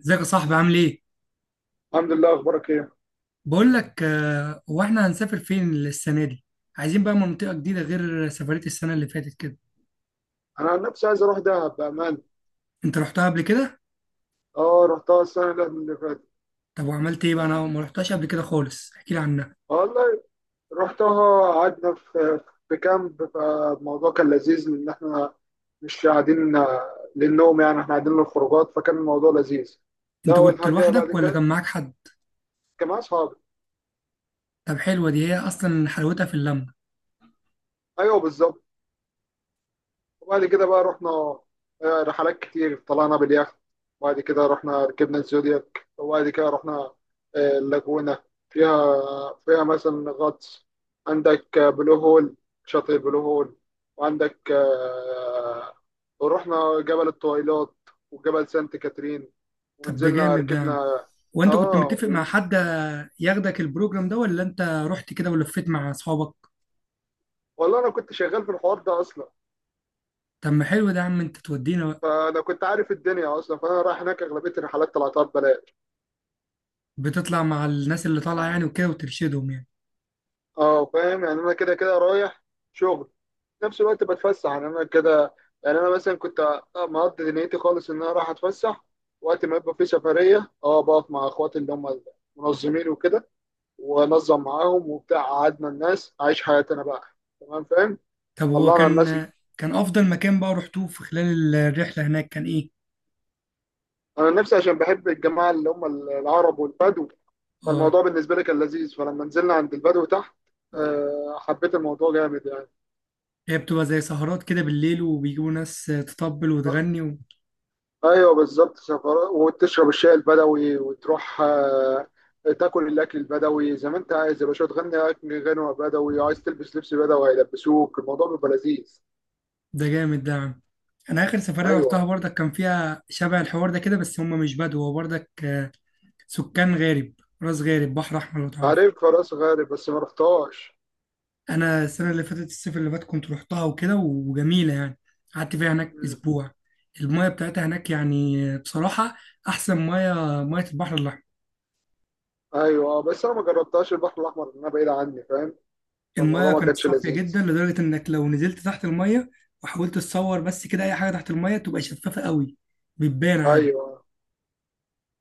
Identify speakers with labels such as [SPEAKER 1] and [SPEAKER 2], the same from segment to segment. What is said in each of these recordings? [SPEAKER 1] ازيك يا صاحبي عامل ايه؟
[SPEAKER 2] الحمد لله، اخبارك ايه؟
[SPEAKER 1] بقول لك آه، هو احنا هنسافر فين السنة دي؟ عايزين بقى منطقة جديدة غير سفرية السنة اللي فاتت كده،
[SPEAKER 2] انا عن نفسي عايز اروح دهب بامان.
[SPEAKER 1] انت رحتها قبل كده؟
[SPEAKER 2] اه، رحتها السنه اللي فاتت.
[SPEAKER 1] طب وعملت ايه بقى؟ انا ما رحتهاش قبل كده خالص، احكي لي عنها،
[SPEAKER 2] والله، رحتها قعدنا في كامب، فالموضوع كان لذيذ لان احنا مش قاعدين للنوم، يعني احنا قاعدين للخروجات فكان الموضوع لذيذ. ده
[SPEAKER 1] انت
[SPEAKER 2] اول
[SPEAKER 1] كنت
[SPEAKER 2] حاجه. بعد
[SPEAKER 1] لوحدك ولا كان
[SPEAKER 2] كده
[SPEAKER 1] معاك حد؟
[SPEAKER 2] كان مع اصحابي.
[SPEAKER 1] طب حلوة دي هي اصلا حلاوتها في اللمة،
[SPEAKER 2] ايوه بالظبط. وبعد كده بقى رحنا رحلات كتير، طلعنا باليخت. وبعد كده رحنا ركبنا الزودياك. وبعد كده رحنا اللاجونة، فيها، فيها مثلا غطس. عندك بلو هول، شاطئ بلو هول. وعندك ورحنا جبل الطويلات وجبل سانت كاترين
[SPEAKER 1] طب ده
[SPEAKER 2] ونزلنا
[SPEAKER 1] جامد ده، يا عم.
[SPEAKER 2] ركبنا.
[SPEAKER 1] وانت كنت
[SPEAKER 2] اه،
[SPEAKER 1] متفق مع حد ياخدك البروجرام ده ولا انت رحت كده ولفيت مع اصحابك؟
[SPEAKER 2] والله انا كنت شغال في الحوار ده اصلا،
[SPEAKER 1] طب ما حلو ده يا عم انت تودينا بقى،
[SPEAKER 2] فانا كنت عارف الدنيا اصلا، فانا رايح هناك اغلبيه الرحلات طلعتها ببلاش.
[SPEAKER 1] بتطلع مع الناس اللي طالعة يعني وكده وترشدهم يعني.
[SPEAKER 2] اه فاهم، يعني انا كده كده رايح شغل، في نفس الوقت بتفسح. يعني انا كده يعني انا مثلا كنت مقضي دنيتي خالص ان انا رايح اتفسح. وقت ما يبقى في سفريه، اه، بقف مع اخواتي اللي هم المنظمين وكده وانظم معاهم وبتاع، قعدنا الناس عايش حياتي انا بقى. تمام فاهم.
[SPEAKER 1] طب هو
[SPEAKER 2] طلعنا الناس.
[SPEAKER 1] كان كان افضل مكان بقى رحتوه في خلال الرحله هناك كان ايه
[SPEAKER 2] انا نفسي عشان بحب الجماعه اللي هم العرب والبدو،
[SPEAKER 1] اه
[SPEAKER 2] فالموضوع بالنسبه لي كان لذيذ. فلما نزلنا عند البدو تحت، حبيت الموضوع جامد يعني.
[SPEAKER 1] هي بتبقى زي سهرات كده بالليل وبيجيبوا ناس تطبل وتغني و
[SPEAKER 2] ايوه بالظبط، سفر وتشرب الشاي البدوي وتروح تاكل الاكل البدوي. زي ما انت عايز يا باشا، تغني اكل غنوه بدوي، عايز تلبس لبس بدوي هيلبسوك، الموضوع بيبقى لذيذ.
[SPEAKER 1] ده جامد ده يا عم. انا اخر سفريه رحتها
[SPEAKER 2] ايوه.
[SPEAKER 1] برضك كان فيها شبه الحوار ده كده بس هم مش بدو هو برضك آه، سكان غارب راس غارب بحر احمر لو تعرف.
[SPEAKER 2] عارف راس غارب بس ما رحتهاش.
[SPEAKER 1] انا السنه اللي فاتت الصيف اللي فات كنت رحتها وكده وجميله يعني قعدت فيها هناك
[SPEAKER 2] مم.
[SPEAKER 1] اسبوع. المايه بتاعتها هناك يعني بصراحه احسن مايه، مايه البحر الاحمر.
[SPEAKER 2] ايوه، بس انا ما جربتهاش البحر الاحمر لأن انا بعيد عني، فاهم.
[SPEAKER 1] المايه
[SPEAKER 2] فالموضوع ما
[SPEAKER 1] كانت
[SPEAKER 2] كانش
[SPEAKER 1] صافيه
[SPEAKER 2] لذيذ.
[SPEAKER 1] جدا لدرجه انك لو نزلت تحت المايه وحاولت تصور بس كده اي حاجه تحت المايه تبقى شفافه قوي، بتبان عادي.
[SPEAKER 2] ايوه.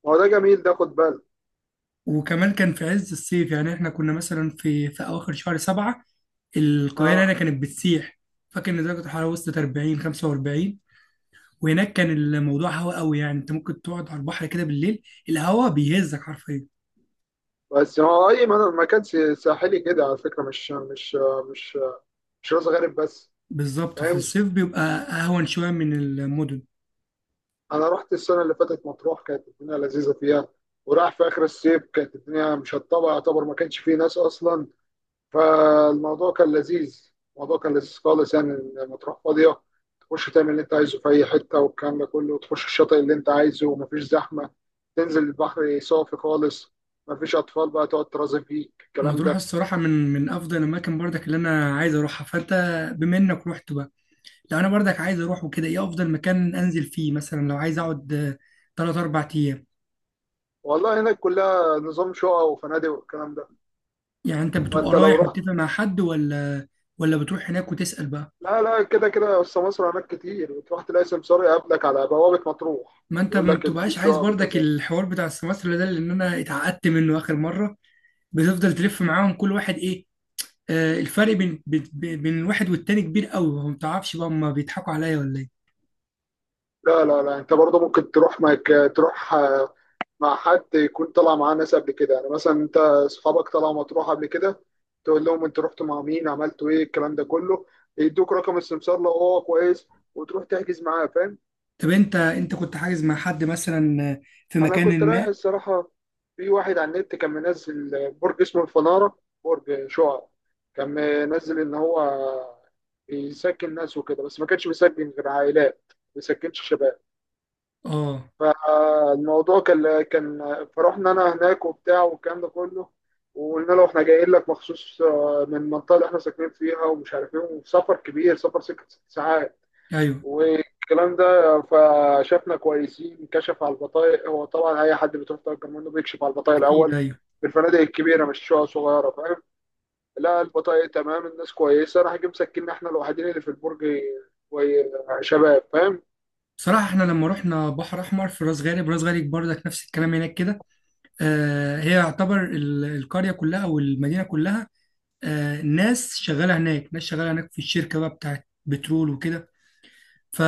[SPEAKER 2] هو ده جميل ده، خد بالك.
[SPEAKER 1] وكمان كان في عز الصيف، يعني احنا كنا مثلا في اواخر شهر 7، القاهره هنا
[SPEAKER 2] اه،
[SPEAKER 1] كانت بتسيح. فاكر ان درجه الحراره وصلت 40 45. وهناك كان الموضوع هوا قوي، يعني انت ممكن تقعد على البحر كده بالليل، الهوا بيهزك حرفيا.
[SPEAKER 2] بس هو اي مكان ساحلي كده على فكره، مش مش راس غارب بس،
[SPEAKER 1] بالظبط في
[SPEAKER 2] فاهم.
[SPEAKER 1] الصيف بيبقى اهون شويه من المدن.
[SPEAKER 2] انا رحت السنه اللي فاتت مطروح، كانت الدنيا لذيذه فيها. وراح في اخر الصيف كانت الدنيا مشطبه، يعتبر ما كانش فيه ناس اصلا، فالموضوع كان لذيذ. الموضوع كان لذيذ خالص، يعني إن مطروح فاضيه، تخش تعمل اللي انت عايزه في اي حته والكلام ده كله. تخش الشاطئ اللي انت عايزه ومفيش زحمه، تنزل البحر صافي خالص، مفيش اطفال بقى تقعد ترازي فيك الكلام
[SPEAKER 1] مطروح
[SPEAKER 2] ده.
[SPEAKER 1] الصراحة من أفضل الأماكن برضك اللي أنا عايز أروحها، فأنت بما إنك رحت بقى، لو أنا برضك عايز أروح وكده، إيه أفضل مكان أنزل فيه مثلا لو عايز أقعد آه، 3 4 أيام؟
[SPEAKER 2] والله هناك كلها نظام شقق وفنادق والكلام ده.
[SPEAKER 1] يعني أنت بتبقى
[SPEAKER 2] فانت لو
[SPEAKER 1] رايح
[SPEAKER 2] رحت،
[SPEAKER 1] متفق مع حد ولا ولا بتروح هناك وتسأل بقى؟
[SPEAKER 2] لا لا، كده كده بس مصر هناك كتير، وتروح تلاقي سمسار يقابلك على بوابة مطروح،
[SPEAKER 1] ما أنت
[SPEAKER 2] يقول
[SPEAKER 1] ما
[SPEAKER 2] لك إن في
[SPEAKER 1] بتبقاش عايز
[SPEAKER 2] شقق
[SPEAKER 1] برضك
[SPEAKER 2] كذا.
[SPEAKER 1] الحوار بتاع السمسرة ده، لأن أنا اتعقدت منه آخر مرة. بتفضل تلف معاهم كل واحد إيه، آه، الفرق بين الواحد والتاني كبير قوي، ما بتعرفش بقى هما بيضحكوا عليا ولا إيه؟
[SPEAKER 2] لا لا لا، أنت برضه ممكن تروح معك، تروح مع حد يكون طلع معاه ناس قبل كده. يعني مثلا أنت أصحابك طلعوا مطروح قبل كده، تقول لهم أنت رحتوا مع مين، عملتوا إيه الكلام ده كله، يدوك رقم السمسار لو هو كويس، وتروح تحجز معاه، فاهم.
[SPEAKER 1] طب انت كنت حاجز مع حد مثلا في
[SPEAKER 2] انا كنت
[SPEAKER 1] مكان
[SPEAKER 2] رايح
[SPEAKER 1] ما؟
[SPEAKER 2] الصراحه في واحد على النت كان منزل برج اسمه الفناره، برج شعاع، كان منزل ان هو بيسكن ناس وكده، بس ما كانش بيسكن غير عائلات، ما بيسكنش شباب.
[SPEAKER 1] اه
[SPEAKER 2] فالموضوع كان فرحنا انا هناك وبتاع والكلام ده كله، وقلنا له احنا جايين لك مخصوص من المنطقه اللي احنا ساكنين فيها ومش عارف ايه، وسفر كبير، سفر ست ساعات
[SPEAKER 1] ايوه
[SPEAKER 2] والكلام ده. فشافنا كويسين، كشف على البطايق. هو طبعا اي حد بتروح تأجر منه بيكشف على البطايق
[SPEAKER 1] اكيد
[SPEAKER 2] الاول
[SPEAKER 1] ايوه.
[SPEAKER 2] في الفنادق الكبيره، مش شقق صغيره، فاهم. لا، البطايق تمام الناس كويسه، راح جه مسكننا احنا الوحيدين اللي في البرج. كوي- شباب فاهم.
[SPEAKER 1] بصراحه احنا لما رحنا بحر احمر في راس غارب، راس غارب برضك نفس الكلام هناك كده، آه هي يعتبر القريه كلها او المدينه كلها، آه ناس شغاله هناك، ناس شغاله هناك في الشركه بقى بتاعت بترول وكده،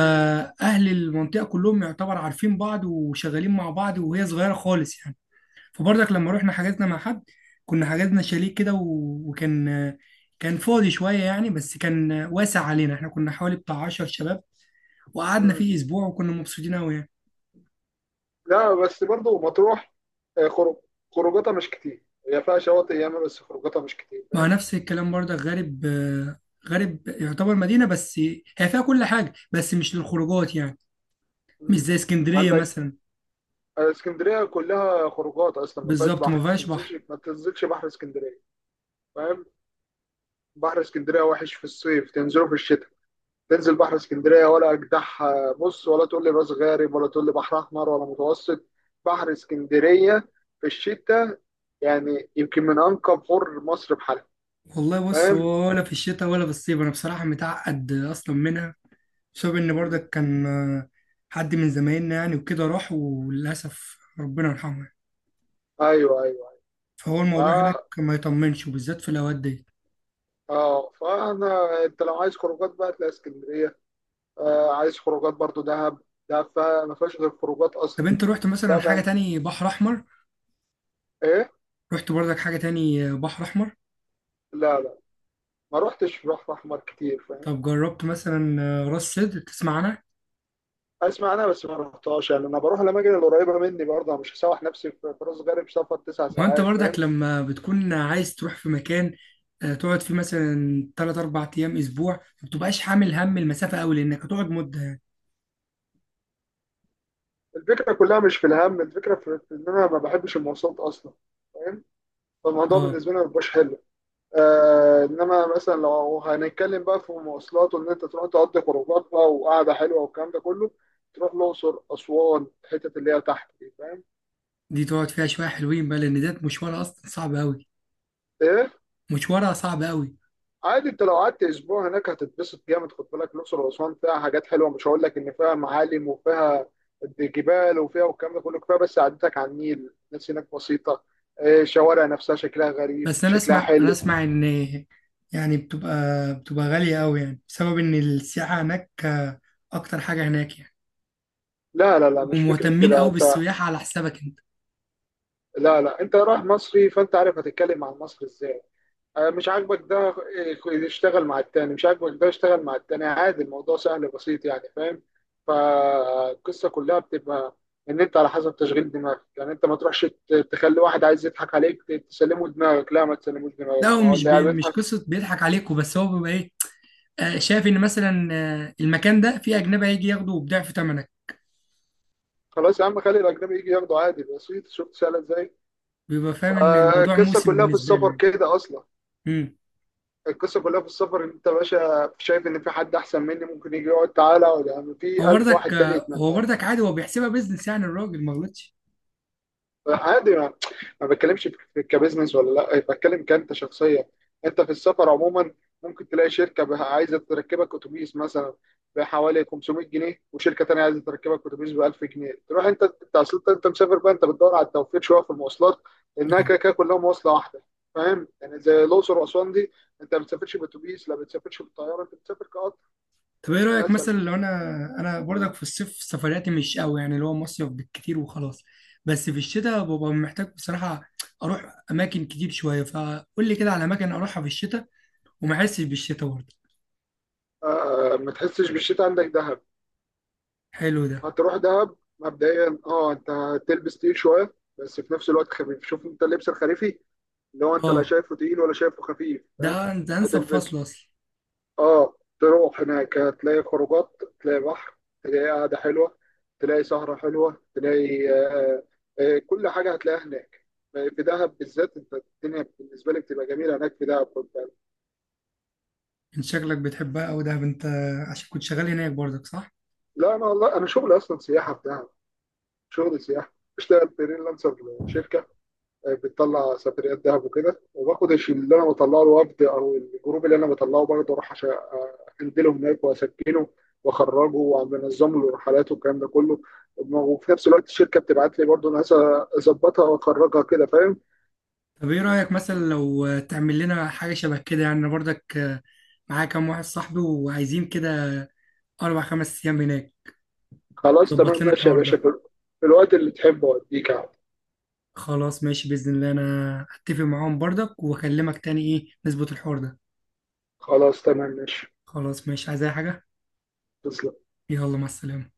[SPEAKER 2] مم.
[SPEAKER 1] المنطقه كلهم يعتبر عارفين بعض وشغالين مع بعض، وهي صغيره خالص يعني. فبرضك لما رحنا حجزنا مع حد، كنا حجزنا شاليه كده وكان كان فاضي شوية يعني، بس كان واسع علينا، احنا كنا حوالي بتاع 10 شباب وقعدنا
[SPEAKER 2] مم.
[SPEAKER 1] فيه أسبوع وكنا مبسوطين أوي يعني.
[SPEAKER 2] لا بس برضه مطروح خروج خروجاتها مش كتير، هي فيها شواطئ ياما بس خروجاتها مش كتير،
[SPEAKER 1] مع
[SPEAKER 2] فاهم.
[SPEAKER 1] نفس الكلام برضك غارب، آه، غارب يعتبر مدينة بس، هي فيها كل حاجة بس مش للخروجات يعني، مش
[SPEAKER 2] مم.
[SPEAKER 1] زي اسكندرية
[SPEAKER 2] عندك
[SPEAKER 1] مثلا،
[SPEAKER 2] اسكندريه كلها خروجات اصلا، ما فيهاش
[SPEAKER 1] بالظبط ما
[SPEAKER 2] بحر. ما
[SPEAKER 1] فيهاش
[SPEAKER 2] تنزلش،
[SPEAKER 1] بحر.
[SPEAKER 2] ما تنزلش بحر اسكندريه، فاهم. بحر اسكندريه وحش في الصيف، تنزله في الشتاء. تنزل بحر اسكندريه، ولا اجدعها بص، ولا تقول لي راس غارب، ولا تقول لي بحر احمر، ولا متوسط. بحر اسكندريه في الشتاء يعني يمكن من انقى بحور مصر بحالها.
[SPEAKER 1] والله بص
[SPEAKER 2] فاهم.
[SPEAKER 1] ولا في الشتاء ولا في الصيف أنا بصراحة متعقد أصلا منها بسبب ان
[SPEAKER 2] مم.
[SPEAKER 1] برضك كان آه، حد من زمايلنا يعني وكده راح وللاسف ربنا يرحمه يعني.
[SPEAKER 2] ايوه ايوه.
[SPEAKER 1] فهو
[SPEAKER 2] ف
[SPEAKER 1] الموضوع هناك ما يطمنش وبالذات في الاوقات دي.
[SPEAKER 2] اه فانا انت لو عايز خروجات بقى، تلاقي اسكندريه. آه، عايز خروجات برضو دهب. ما فيهاش غير خروجات
[SPEAKER 1] طب
[SPEAKER 2] اصلا.
[SPEAKER 1] انت رحت مثلا
[SPEAKER 2] دهب
[SPEAKER 1] حاجه
[SPEAKER 2] يعني.
[SPEAKER 1] تاني بحر احمر؟
[SPEAKER 2] ايه.
[SPEAKER 1] رحت برضك حاجه تاني بحر احمر؟
[SPEAKER 2] لا لا، ما روحتش بحر احمر كتير، فاهم.
[SPEAKER 1] طب جربت مثلا آه، راس سدر تسمع عنها؟
[SPEAKER 2] اسمع انا بس ما رحتهاش، يعني انا بروح الاماكن اللي قريبه مني برضه. أنا مش هسوح نفسي في راس غارب، سفر تسع
[SPEAKER 1] ما انت
[SPEAKER 2] ساعات،
[SPEAKER 1] برضك
[SPEAKER 2] فاهم.
[SPEAKER 1] لما بتكون عايز تروح في مكان آه، تقعد فيه مثلا 3 4 ايام اسبوع، ما بتبقاش حامل هم المسافه قوي لانك هتقعد مده يعني.
[SPEAKER 2] الفكره كلها مش في الهم، الفكره في ان انا ما بحبش المواصلات اصلا، فاهم. فالموضوع
[SPEAKER 1] اه
[SPEAKER 2] بالنسبه لي ما بيبقاش حلو. آه، انما مثلا لو هنتكلم بقى في المواصلات، وان انت تروح تقضي خروجات بقى وقعده حلوه والكلام ده كله، تروح الاقصر اسوان، الحتت اللي هي تحت دي، فاهم.
[SPEAKER 1] دي تقعد فيها شويه حلوين بقى لان ده مشوارها اصلا صعب قوي،
[SPEAKER 2] ايه.
[SPEAKER 1] مشوارها صعب قوي.
[SPEAKER 2] عادي، انت لو قعدت اسبوع هناك هتتبسط جامد، خد بالك. الاقصر واسوان فيها حاجات حلوه، مش هقول لك ان فيها معالم وفيها جبال وفيها والكلام ده كله، كفايه بس عدتك على النيل. الناس هناك بسيطه، الشوارع نفسها شكلها غريب،
[SPEAKER 1] بس انا
[SPEAKER 2] شكلها
[SPEAKER 1] اسمع انا
[SPEAKER 2] حلو.
[SPEAKER 1] اسمع ان، يعني بتبقى بتبقى غالية قوي يعني بسبب ان السياحة هناك آه، اكتر حاجة هناك يعني،
[SPEAKER 2] لا لا لا،
[SPEAKER 1] بيبقوا
[SPEAKER 2] مش فكره
[SPEAKER 1] مهتمين
[SPEAKER 2] كده
[SPEAKER 1] قوي
[SPEAKER 2] انت.
[SPEAKER 1] بالسياحة على حسابك انت.
[SPEAKER 2] لا لا، انت رايح مصري فانت عارف هتتكلم عن مصر ازاي. مش عاجبك ده، اشتغل مع التاني. مش عاجبك ده اشتغل مع التاني، عادي. الموضوع سهل بسيط يعني، فاهم. فالقصة كلها بتبقى ان انت على حسب تشغيل دماغك. يعني انت ما تروحش تخلي واحد عايز يضحك عليك تسلمه دماغك، لا، ما تسلموش
[SPEAKER 1] لا
[SPEAKER 2] دماغك،
[SPEAKER 1] هو
[SPEAKER 2] ما هو
[SPEAKER 1] مش
[SPEAKER 2] اللي قاعد
[SPEAKER 1] بي مش
[SPEAKER 2] بيضحك.
[SPEAKER 1] قصة بيضحك عليكوا، بس هو بيبقى ايه، آه، شايف ان مثلا آه، المكان ده فيه اجنبي هيجي ياخده بضعف ثمنك،
[SPEAKER 2] خلاص يا عم، خلي الاجنبي يجي ياخده عادي بسيط، شفت سهله ازاي.
[SPEAKER 1] بيبقى فاهم ان الموضوع
[SPEAKER 2] القصه
[SPEAKER 1] موسم
[SPEAKER 2] كلها في
[SPEAKER 1] بالنسبة له
[SPEAKER 2] السفر
[SPEAKER 1] يعني.
[SPEAKER 2] كده اصلا.
[SPEAKER 1] امم
[SPEAKER 2] القصه كلها في السفر، ان انت يا باشا شايف ان في حد احسن مني ممكن يجي يقعد، تعالى اقعد، يعني في
[SPEAKER 1] هو
[SPEAKER 2] الف واحد
[SPEAKER 1] برضك
[SPEAKER 2] تاني
[SPEAKER 1] آه، هو
[SPEAKER 2] يتمنى.
[SPEAKER 1] برضك عادي هو بيحسبها بيزنس يعني، الراجل ما غلطش.
[SPEAKER 2] عادي، ما بتكلمش في كبزنس ولا لا إيه، بتكلم كأنت شخصيا. انت في السفر عموما ممكن تلاقي شركة عايزة تركبك اتوبيس مثلا بحوالي 500 جنيه، وشركة تانية عايزة تركبك اتوبيس ب 1000 جنيه، تروح انت. انت اصل انت أنت مسافر بقى، انت بتدور على التوفير شوية في المواصلات، لانها
[SPEAKER 1] طيب.
[SPEAKER 2] كده كده كلها مواصلة واحدة. فاهم. يعني زي الاقصر واسوان دي، انت ما بتسافرش باتوبيس، لا بتسافرش بالطيارة، انت بتسافر كقطر.
[SPEAKER 1] طب ايه رأيك
[SPEAKER 2] مثلا
[SPEAKER 1] مثلا لو انا، انا برضك في الصيف سفرياتي مش قوي يعني، اللي هو مصيف بالكتير وخلاص، بس في الشتاء ببقى محتاج بصراحة اروح اماكن كتير شوية، فقول لي كده على اماكن اروحها في الشتاء وما احسش بالشتاء برضه.
[SPEAKER 2] ما تحسش بالشتاء، عندك دهب.
[SPEAKER 1] حلو ده.
[SPEAKER 2] هتروح دهب مبدئيا، اه، انت تلبس تقيل شويه بس في نفس الوقت خفيف. شوف انت اللبس الخريفي اللي هو انت لا
[SPEAKER 1] اه
[SPEAKER 2] شايفه تقيل ولا شايفه خفيف،
[SPEAKER 1] ده
[SPEAKER 2] فاهم.
[SPEAKER 1] ده انسب فصل
[SPEAKER 2] هتلبسه.
[SPEAKER 1] اصلا.
[SPEAKER 2] اه، تروح هناك هتلاقي خروجات، تلاقي بحر، تلاقي قعده حلوه، تلاقي سهره حلوه، تلاقي آه كل حاجه هتلاقيها هناك. في دهب بالذات، انت الدنيا بالنسبه لي بتبقى جميله هناك في دهب، خد بالك.
[SPEAKER 1] من شكلك بتحبها او ده انت عشان كنت شغال هناك برضك، صح؟
[SPEAKER 2] لا، انا والله انا شغلي اصلا سياحه في دهب. شغلي سياحه، بشتغل فريلانسر شركه بتطلع سفريات دهب وكده، وباخد الشيم اللي انا بطلعه، الوفد او الجروب اللي انا بطلعه برضه اروح عشان انزله هناك واسكنه واخرجه، وبنظم له الرحلات والكلام ده كله. وفي نفس الوقت الشركه بتبعت لي برضه ناس اظبطها واخرجها كده، فاهم.
[SPEAKER 1] طب ايه رأيك مثلا لو تعمل لنا حاجة شبه كده يعني، أنا برضك آه، معايا كام واحد صاحبي وعايزين كده 4 5 ايام هناك،
[SPEAKER 2] خلاص
[SPEAKER 1] ظبط
[SPEAKER 2] تمام
[SPEAKER 1] لنا
[SPEAKER 2] ماشي يا
[SPEAKER 1] الحوار
[SPEAKER 2] باشا،
[SPEAKER 1] ده.
[SPEAKER 2] في الوقت اللي تحبه اوديك عادي.
[SPEAKER 1] خلاص ماشي بإذن الله، أنا أتفق معاهم برضك وأكلمك تاني إيه نظبط الحوار ده.
[SPEAKER 2] خلاص تمام ماشي.
[SPEAKER 1] خلاص ماشي، عايز أي حاجة؟
[SPEAKER 2] تسلم.
[SPEAKER 1] يلا مع السلامة.